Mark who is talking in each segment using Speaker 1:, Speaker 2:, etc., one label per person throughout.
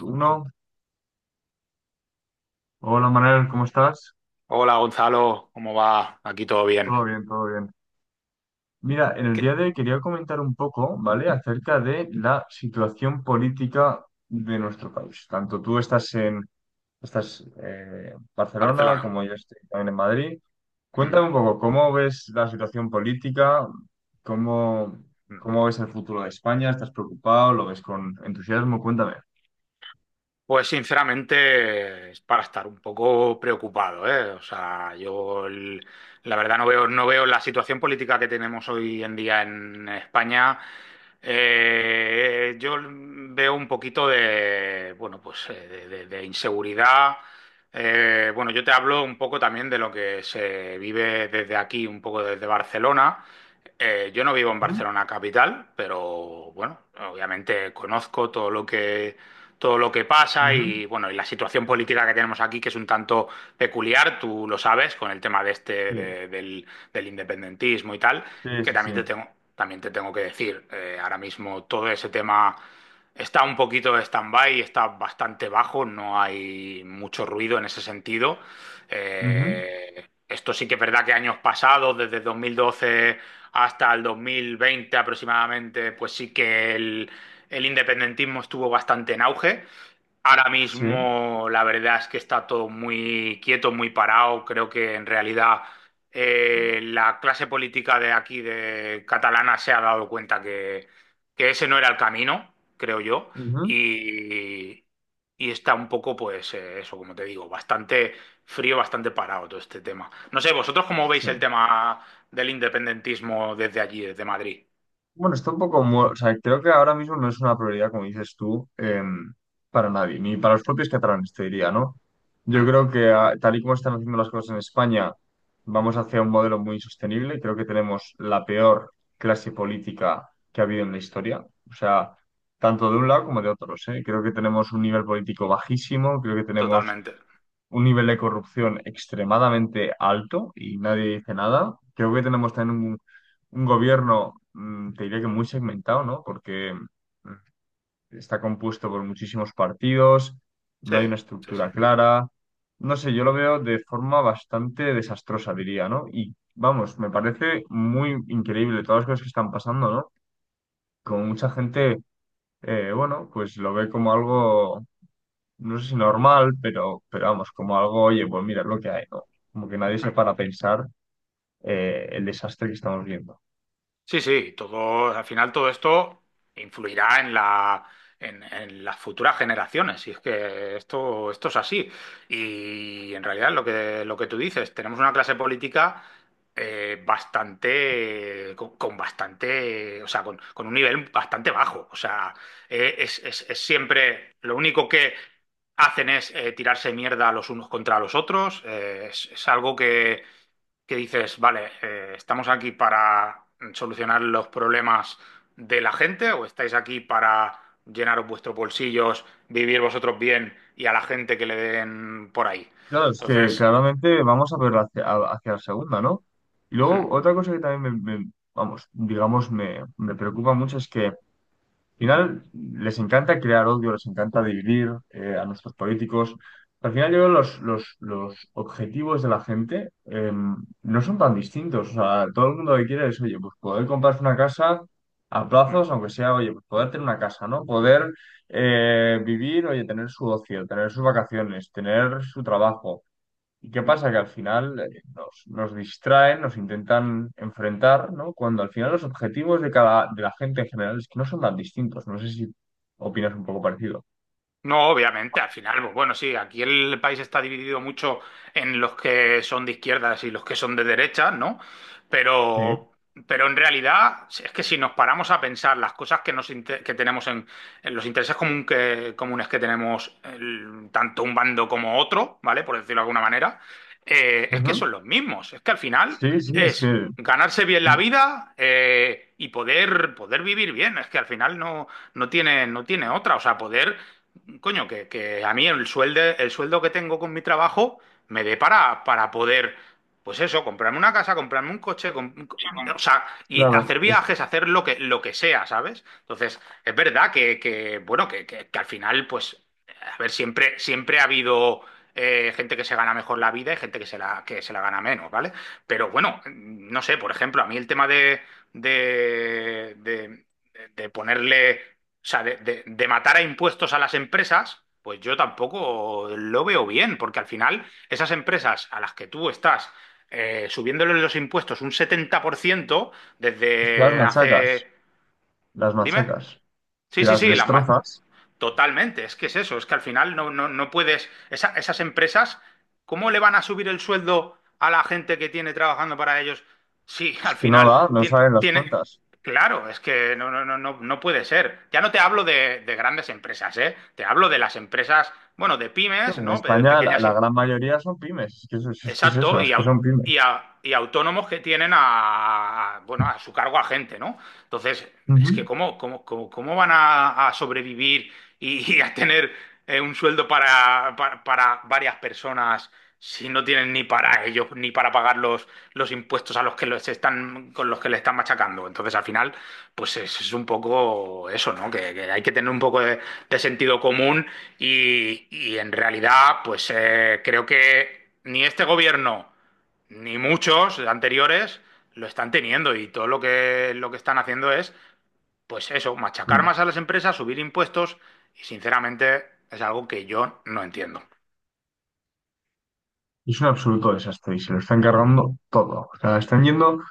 Speaker 1: Uno, hola Manuel, ¿cómo estás?
Speaker 2: Hola Gonzalo, ¿cómo va? Aquí todo bien.
Speaker 1: Todo bien, todo bien. Mira, en el
Speaker 2: ¿Qué?
Speaker 1: día de hoy quería comentar un poco, ¿vale?, acerca de la situación política de nuestro país. Tanto tú estás en en Barcelona
Speaker 2: Barcelona.
Speaker 1: como yo estoy también en Madrid.
Speaker 2: Mm.
Speaker 1: Cuéntame un poco, ¿cómo ves la situación política? ¿Cómo, ¿Cómo ves el futuro de España? ¿Estás preocupado? ¿Lo ves con entusiasmo? Cuéntame.
Speaker 2: Pues sinceramente es para estar un poco preocupado, ¿eh? O sea, la verdad no veo la situación política que tenemos hoy en día en España. Yo veo un poquito bueno, pues, de inseguridad. Bueno, yo te hablo un poco también de lo que se vive desde aquí, un poco desde Barcelona. Yo no vivo en
Speaker 1: Ujú,
Speaker 2: Barcelona capital, pero bueno, obviamente conozco todo lo que pasa
Speaker 1: ujú,
Speaker 2: y bueno, y la situación política que tenemos aquí, que es un tanto peculiar, tú lo sabes, con el tema de este,
Speaker 1: sí,
Speaker 2: de- del, del independentismo y tal,
Speaker 1: sí,
Speaker 2: que
Speaker 1: sí, sí.
Speaker 2: también te tengo, también te tengo que decir, ahora mismo todo ese tema está un poquito de stand-by, está bastante bajo, no hay mucho ruido en ese sentido.
Speaker 1: Ujú,
Speaker 2: Esto sí que es verdad que años pasados, desde 2012 hasta el 2020 aproximadamente, pues sí que el independentismo estuvo bastante en auge. Ahora
Speaker 1: sí,
Speaker 2: mismo la verdad es que está todo muy quieto, muy parado. Creo que en realidad, la clase política de aquí, de catalana, se ha dado cuenta que ese no era el camino, creo yo.
Speaker 1: ujú,
Speaker 2: Y, y está un poco, pues, eso, como te digo, bastante frío, bastante parado todo este tema. No sé, vosotros cómo veis
Speaker 1: sí.
Speaker 2: el tema del independentismo desde allí, desde Madrid.
Speaker 1: Bueno, está un poco, o sea, creo que ahora mismo no es una prioridad, como dices tú, para nadie, ni para los propios catalanes, te diría, ¿no? Yo
Speaker 2: Hmm.
Speaker 1: creo que tal y como están haciendo las cosas en España, vamos hacia un modelo muy insostenible. Creo que tenemos la peor clase política que ha habido en la historia, o sea, tanto de un lado como de otros, ¿eh? Creo que tenemos un nivel político bajísimo, creo que tenemos
Speaker 2: Totalmente.
Speaker 1: un nivel de corrupción extremadamente alto y nadie dice nada. Creo que tenemos también un gobierno, te diría que muy segmentado, ¿no? Porque mm, está compuesto por muchísimos partidos,
Speaker 2: Sí,
Speaker 1: no hay una
Speaker 2: sí, sí.
Speaker 1: estructura clara. No sé, yo lo veo de forma bastante desastrosa, diría, ¿no? Y vamos, me parece muy increíble todas las cosas que están pasando, ¿no? Como mucha gente, bueno, pues lo ve como algo no sé si normal, pero vamos, como algo, oye, pues mira, es lo que hay, ¿no? Como que nadie se
Speaker 2: Hmm.
Speaker 1: para a pensar el desastre que estamos viendo.
Speaker 2: Sí, sí, todo, al final todo esto influirá en la, en las futuras generaciones, y es que esto es así. Y en realidad lo que, tú dices, tenemos una clase política, bastante, con bastante, o sea, con un nivel bastante bajo. O sea, es, es siempre lo único que hacen es, tirarse mierda los unos contra los otros. Es algo que dices, vale, ¿estamos aquí para solucionar los problemas de la gente o estáis aquí para llenaros vuestros bolsillos, vivir vosotros bien y a la gente que le den por ahí?
Speaker 1: Claro, es que
Speaker 2: Entonces.
Speaker 1: claramente vamos a ver hacia, hacia la segunda, ¿no? Y
Speaker 2: Hmm.
Speaker 1: luego otra cosa que también vamos, digamos, me preocupa mucho es que al final, les encanta crear odio, les encanta dividir a nuestros políticos. Al final, yo creo que los objetivos de la gente no son tan distintos. O sea, todo el mundo lo que quiere es, oye, pues poder comprarse una casa a
Speaker 2: Hmm.
Speaker 1: plazos, aunque sea, oye, pues poder tener una casa, ¿no? Poder vivir, oye, tener su ocio, tener sus vacaciones, tener su trabajo. ¿Y qué
Speaker 2: Hmm.
Speaker 1: pasa? Que al final nos distraen, nos intentan enfrentar, ¿no? Cuando al final los objetivos de de la gente en general es que no son tan distintos. No sé si opinas un poco parecido.
Speaker 2: No, obviamente, al final, pues bueno, sí, aquí el país está dividido mucho en los que son de izquierdas y los que son de derechas, ¿no?
Speaker 1: Sí.
Speaker 2: Pero, pero en realidad, es que si nos paramos a pensar las cosas que que tenemos en, los intereses comunes que tenemos, tanto un bando como otro, ¿vale? Por decirlo de alguna manera, es que
Speaker 1: Ujú.
Speaker 2: son los mismos. Es que al final
Speaker 1: Sí, sí,
Speaker 2: es ganarse bien la vida, y poder, vivir bien. Es que al final no tiene otra. O sea, poder. Coño, que a mí el sueldo que tengo con mi trabajo me dé para poder, pues eso, comprarme una casa, comprarme un coche, o sea, y
Speaker 1: claro,
Speaker 2: hacer viajes, hacer lo que sea, ¿sabes? Entonces, es verdad que, bueno, que al final, pues, a ver, siempre ha habido, gente que se gana mejor la vida y gente que se la gana menos, ¿vale? Pero bueno, no sé, por ejemplo, a mí el tema de, de de ponerle, o sea, de matar a impuestos a las empresas, pues yo tampoco lo veo bien, porque al final esas empresas a las que tú estás, subiéndoles los impuestos un 70%
Speaker 1: es que
Speaker 2: desde hace.
Speaker 1: las
Speaker 2: Dime.
Speaker 1: machacas, que
Speaker 2: Sí, sí,
Speaker 1: las
Speaker 2: sí,
Speaker 1: destrozas,
Speaker 2: totalmente, es que es eso, es que al final no, no, no puedes, esas empresas, ¿cómo le van a subir el sueldo a la gente que tiene trabajando para ellos? Sí,
Speaker 1: es
Speaker 2: al
Speaker 1: que no
Speaker 2: final
Speaker 1: da, no saben las cuentas.
Speaker 2: claro, es que no, no, no, no, no puede ser. Ya no te hablo de grandes empresas, ¿eh? Te hablo de las empresas, bueno, de
Speaker 1: Sí,
Speaker 2: pymes,
Speaker 1: en
Speaker 2: ¿no? De
Speaker 1: España
Speaker 2: pequeñas,
Speaker 1: la gran mayoría son pymes, es que, es que es eso,
Speaker 2: exacto,
Speaker 1: es que son pymes.
Speaker 2: y autónomos que tienen bueno, a su cargo a gente, ¿no? Entonces, es que cómo van a sobrevivir y a tener, un sueldo para, para varias personas si no tienen ni para ellos, ni para pagar los impuestos a los que los están, con los que le están machacando. Entonces, al final, pues es un poco eso, ¿no? Que hay que tener un poco de sentido común y en realidad, pues, creo que ni este gobierno ni muchos anteriores lo están teniendo y todo lo que están haciendo es, pues eso, machacar
Speaker 1: Ujú.
Speaker 2: más a las empresas, subir impuestos y sinceramente es algo que yo no entiendo.
Speaker 1: Es un absoluto desastre y se lo están cargando todo. O sea, están yendo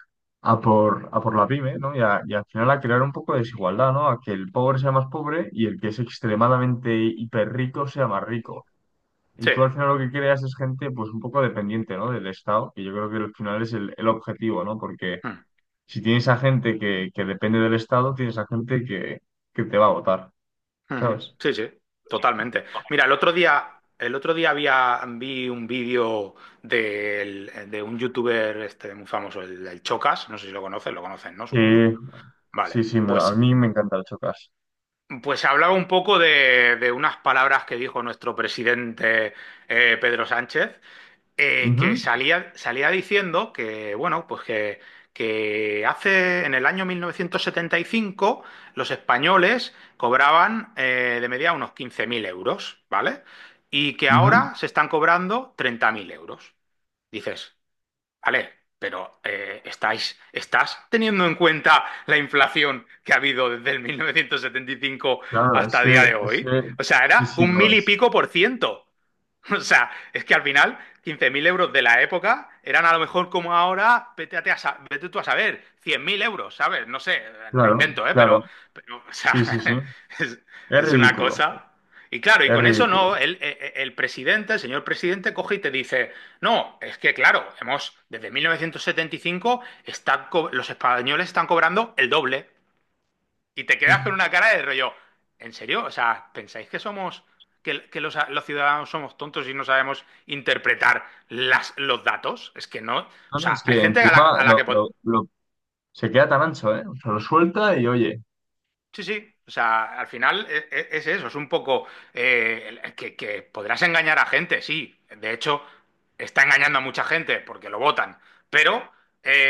Speaker 1: a por la pyme, ¿no? Y, y al final a crear un poco de desigualdad, ¿no? A que el pobre sea más pobre y el que es extremadamente hiperrico sea más rico. Y
Speaker 2: Sí.
Speaker 1: tú al final lo que creas es gente, pues un poco dependiente, ¿no? Del Estado, que yo creo que al final es el objetivo, ¿no? Porque
Speaker 2: Mm.
Speaker 1: si tienes a gente que depende del Estado, tienes a gente que te va a votar,
Speaker 2: Ujú.
Speaker 1: ¿sabes?
Speaker 2: Sí, sí, totalmente. Mira, el otro día había, vi un vídeo de un youtuber este, muy famoso, el Chocas, no sé si lo conocen, lo conocen, ¿no?
Speaker 1: Sí,
Speaker 2: Supongo. Vale,
Speaker 1: sí, sí, me- a
Speaker 2: pues
Speaker 1: mí me encanta el chocas.
Speaker 2: Pues hablaba un poco de unas palabras que dijo nuestro presidente, Pedro Sánchez,
Speaker 1: Ujú,
Speaker 2: que salía diciendo que, bueno, pues que hace en el año 1975 los españoles cobraban, de media unos 15.000 euros, ¿vale? Y que
Speaker 1: ujú.
Speaker 2: ahora se están cobrando 30.000 euros. Dices, vale, pero, ¿estás teniendo en cuenta la inflación que ha habido desde el 1975
Speaker 1: Claro,
Speaker 2: hasta el día de hoy? O sea,
Speaker 1: sí,
Speaker 2: era
Speaker 1: sí,
Speaker 2: un
Speaker 1: no
Speaker 2: mil y
Speaker 1: es.
Speaker 2: pico por ciento. O sea, es que al final 15.000 euros de la época eran a lo mejor como ahora, vete, a te a sa- vete tú a saber, 100.000 euros, ¿sabes? No sé, me
Speaker 1: Claro,
Speaker 2: invento, ¿eh?
Speaker 1: claro,
Speaker 2: Pero, o sea,
Speaker 1: sí, sí, sí.
Speaker 2: es,
Speaker 1: Es
Speaker 2: es una
Speaker 1: ridículo,
Speaker 2: cosa. Y claro, y
Speaker 1: es
Speaker 2: con eso
Speaker 1: ridículo.
Speaker 2: no, el presidente, el señor presidente, coge y te dice, no, es que claro, hemos, desde 1975 los españoles están cobrando el doble. Y te
Speaker 1: No,
Speaker 2: quedas con una cara de rollo. ¿En serio? O sea, ¿pensáis que que los, ciudadanos somos tontos y no sabemos interpretar los datos? Es que no. O
Speaker 1: no, es
Speaker 2: sea, hay
Speaker 1: que
Speaker 2: gente a la,
Speaker 1: encima
Speaker 2: a la que.
Speaker 1: lo- se queda tan ancho, ¿eh? O sea, lo suelta y oye,
Speaker 2: Sí, sí. O sea, al final, es, eso, es un poco, que podrás engañar a gente, sí. De hecho, está engañando a mucha gente porque lo votan. Pero,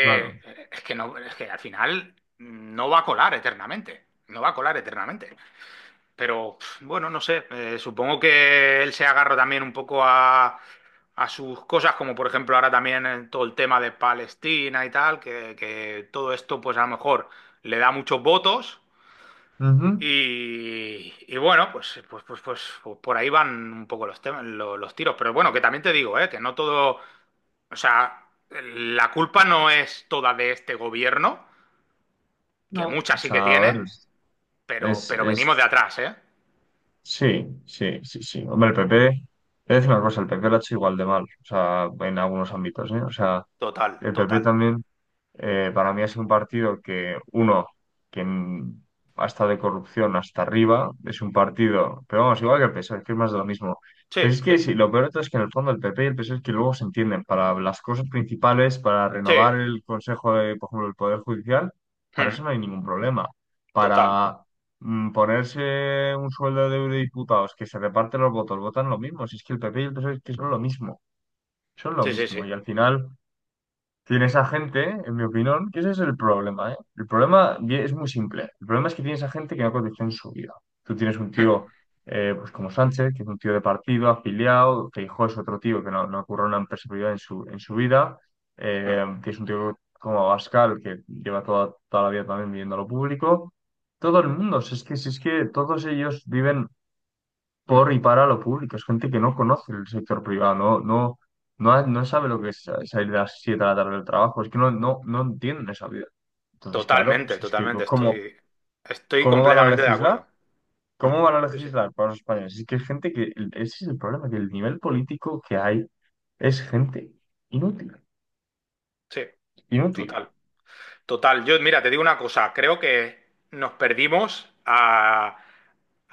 Speaker 1: claro.
Speaker 2: es que no, es que al final no va a colar eternamente. No va a colar eternamente. Pero bueno, no sé, supongo que él se agarra también un poco a sus cosas, como por ejemplo ahora también, todo el tema de Palestina y tal, que todo esto pues a lo mejor le da muchos votos
Speaker 1: Ujú.
Speaker 2: y bueno, pues por ahí van un poco los temas, los tiros. Pero bueno, que también te digo, que no todo, o sea, la culpa no es toda de este gobierno, que
Speaker 1: No,
Speaker 2: mucha
Speaker 1: o
Speaker 2: sí que
Speaker 1: sea, a
Speaker 2: tiene,
Speaker 1: ver,
Speaker 2: pero,
Speaker 1: es,
Speaker 2: pero venimos de
Speaker 1: es-
Speaker 2: atrás, ¿eh?
Speaker 1: sí, sí, sí, sí. Hombre, el PP, es una cosa, el PP lo ha hecho igual de mal, o sea, en algunos ámbitos, ¿eh? O sea,
Speaker 2: Total,
Speaker 1: el PP
Speaker 2: total.
Speaker 1: también. Para mí ha sido un partido que, uno, que ha estado de corrupción hasta arriba, es un partido, pero vamos, igual que el PSOE, que es más de lo mismo.
Speaker 2: Sí,
Speaker 1: Pero es
Speaker 2: sí.
Speaker 1: que sí, lo peor de todo es que en el fondo el PP y el PSOE es que luego se entienden para las cosas principales, para
Speaker 2: Sí,
Speaker 1: renovar el Consejo de, por ejemplo, el Poder Judicial, para
Speaker 2: mm,
Speaker 1: eso no hay ningún problema.
Speaker 2: total.
Speaker 1: Para ponerse un sueldo de eurodiputados, que se reparten los votos, votan lo mismo. Si es que el PP y el PSOE es que son lo mismo, son lo
Speaker 2: Sí, sí,
Speaker 1: mismo.
Speaker 2: sí.
Speaker 1: Y al final tienes a gente, en mi opinión, que ese es el problema, ¿eh? El problema es muy simple. El problema es que tienes a gente que no cotiza en su vida. Tú tienes un
Speaker 2: Mm,
Speaker 1: tío, pues como Sánchez, que es un tío de partido, afiliado, Feijóo es otro tío que no ocurre una empresa privada en en su vida.
Speaker 2: mm,
Speaker 1: Tienes un tío como Abascal, que lleva toda la vida también viviendo a lo público. Todo el mundo, si es que todos ellos viven
Speaker 2: mm.
Speaker 1: por y para lo público. Es gente que no conoce el sector privado, no sabe lo que es salir de las 7 de la tarde del trabajo, es que no entienden esa vida. Entonces, claro,
Speaker 2: Totalmente,
Speaker 1: si es que
Speaker 2: totalmente.
Speaker 1: ¿cómo,
Speaker 2: Estoy
Speaker 1: ¿cómo van a
Speaker 2: completamente de
Speaker 1: legislar?
Speaker 2: acuerdo. Mm.
Speaker 1: ¿Cómo van a
Speaker 2: Sí, sí,
Speaker 1: legislar para los españoles? Es que es gente que, ese es el problema, que el nivel político que hay es gente inútil,
Speaker 2: sí,
Speaker 1: inútil.
Speaker 2: total. Total. Yo, mira, te digo una cosa. Creo que nos perdimos a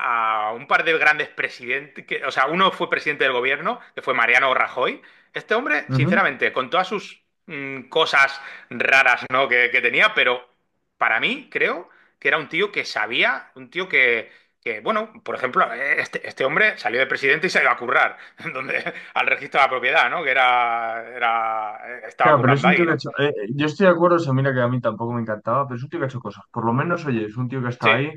Speaker 2: a un par de grandes presidentes, que, o sea, uno fue presidente del gobierno, que fue Mariano Rajoy. Este hombre, sinceramente, con todas sus cosas raras, ¿no? que tenía, pero para mí creo que era un tío que sabía, un tío que, bueno, por ejemplo, este hombre salió de presidente y se iba a currar, donde, al registro de la propiedad, ¿no? Que era, era, estaba
Speaker 1: Claro, pero es
Speaker 2: currando
Speaker 1: un tío
Speaker 2: ahí,
Speaker 1: que ha
Speaker 2: ¿no?
Speaker 1: hecho. Yo estoy de acuerdo, o sea, mira que a mí tampoco me encantaba, pero es un tío que ha hecho cosas. Por lo menos, oye, es un tío que
Speaker 2: Sí,
Speaker 1: está ahí.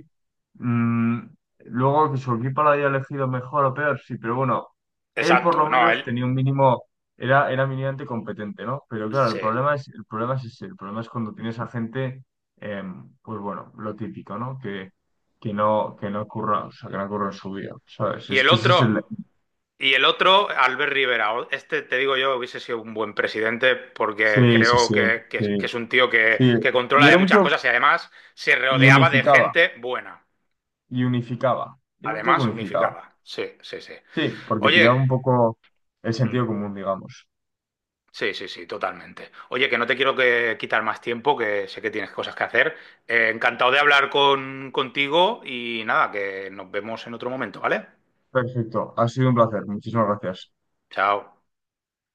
Speaker 1: Mm, Luego que su equipo lo haya elegido mejor o peor, sí, pero bueno, él por lo
Speaker 2: exacto, no,
Speaker 1: menos
Speaker 2: él,
Speaker 1: tenía un mínimo, era mínimamente competente, ¿no? Pero claro,
Speaker 2: sí.
Speaker 1: el problema es ese, el problema es cuando tienes a gente, pues bueno, lo típico, ¿no? Que que no curra, o sea, que no curra en su vida, ¿sabes?
Speaker 2: Y
Speaker 1: Es
Speaker 2: el
Speaker 1: que ese es el...
Speaker 2: otro... Y el otro, Albert Rivera. Este, te digo yo, hubiese sido un buen presidente porque
Speaker 1: Sí, sí,
Speaker 2: creo
Speaker 1: sí,
Speaker 2: que es que
Speaker 1: sí,
Speaker 2: es un tío que,
Speaker 1: sí.
Speaker 2: que
Speaker 1: Y
Speaker 2: controla
Speaker 1: era
Speaker 2: de
Speaker 1: un
Speaker 2: muchas
Speaker 1: tío
Speaker 2: cosas y además se
Speaker 1: y
Speaker 2: rodeaba de
Speaker 1: unificaba,
Speaker 2: gente buena.
Speaker 1: y unificaba. Era un tío que
Speaker 2: Además,
Speaker 1: unificaba.
Speaker 2: unificaba. Sí, sí, sí.
Speaker 1: Sí, porque
Speaker 2: Oye,
Speaker 1: pillaba un poco el
Speaker 2: mm,
Speaker 1: sentido común, digamos.
Speaker 2: sí, sí, sí, totalmente. Oye, que no te quiero que quitar más tiempo, que sé que tienes cosas que hacer. Encantado de hablar contigo y nada, que nos vemos en otro momento, ¿vale?
Speaker 1: Perfecto, ha sido un placer. Muchísimas gracias.
Speaker 2: Chao.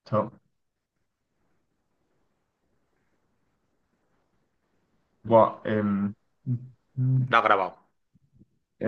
Speaker 1: Chao. Buah,
Speaker 2: Da grabado.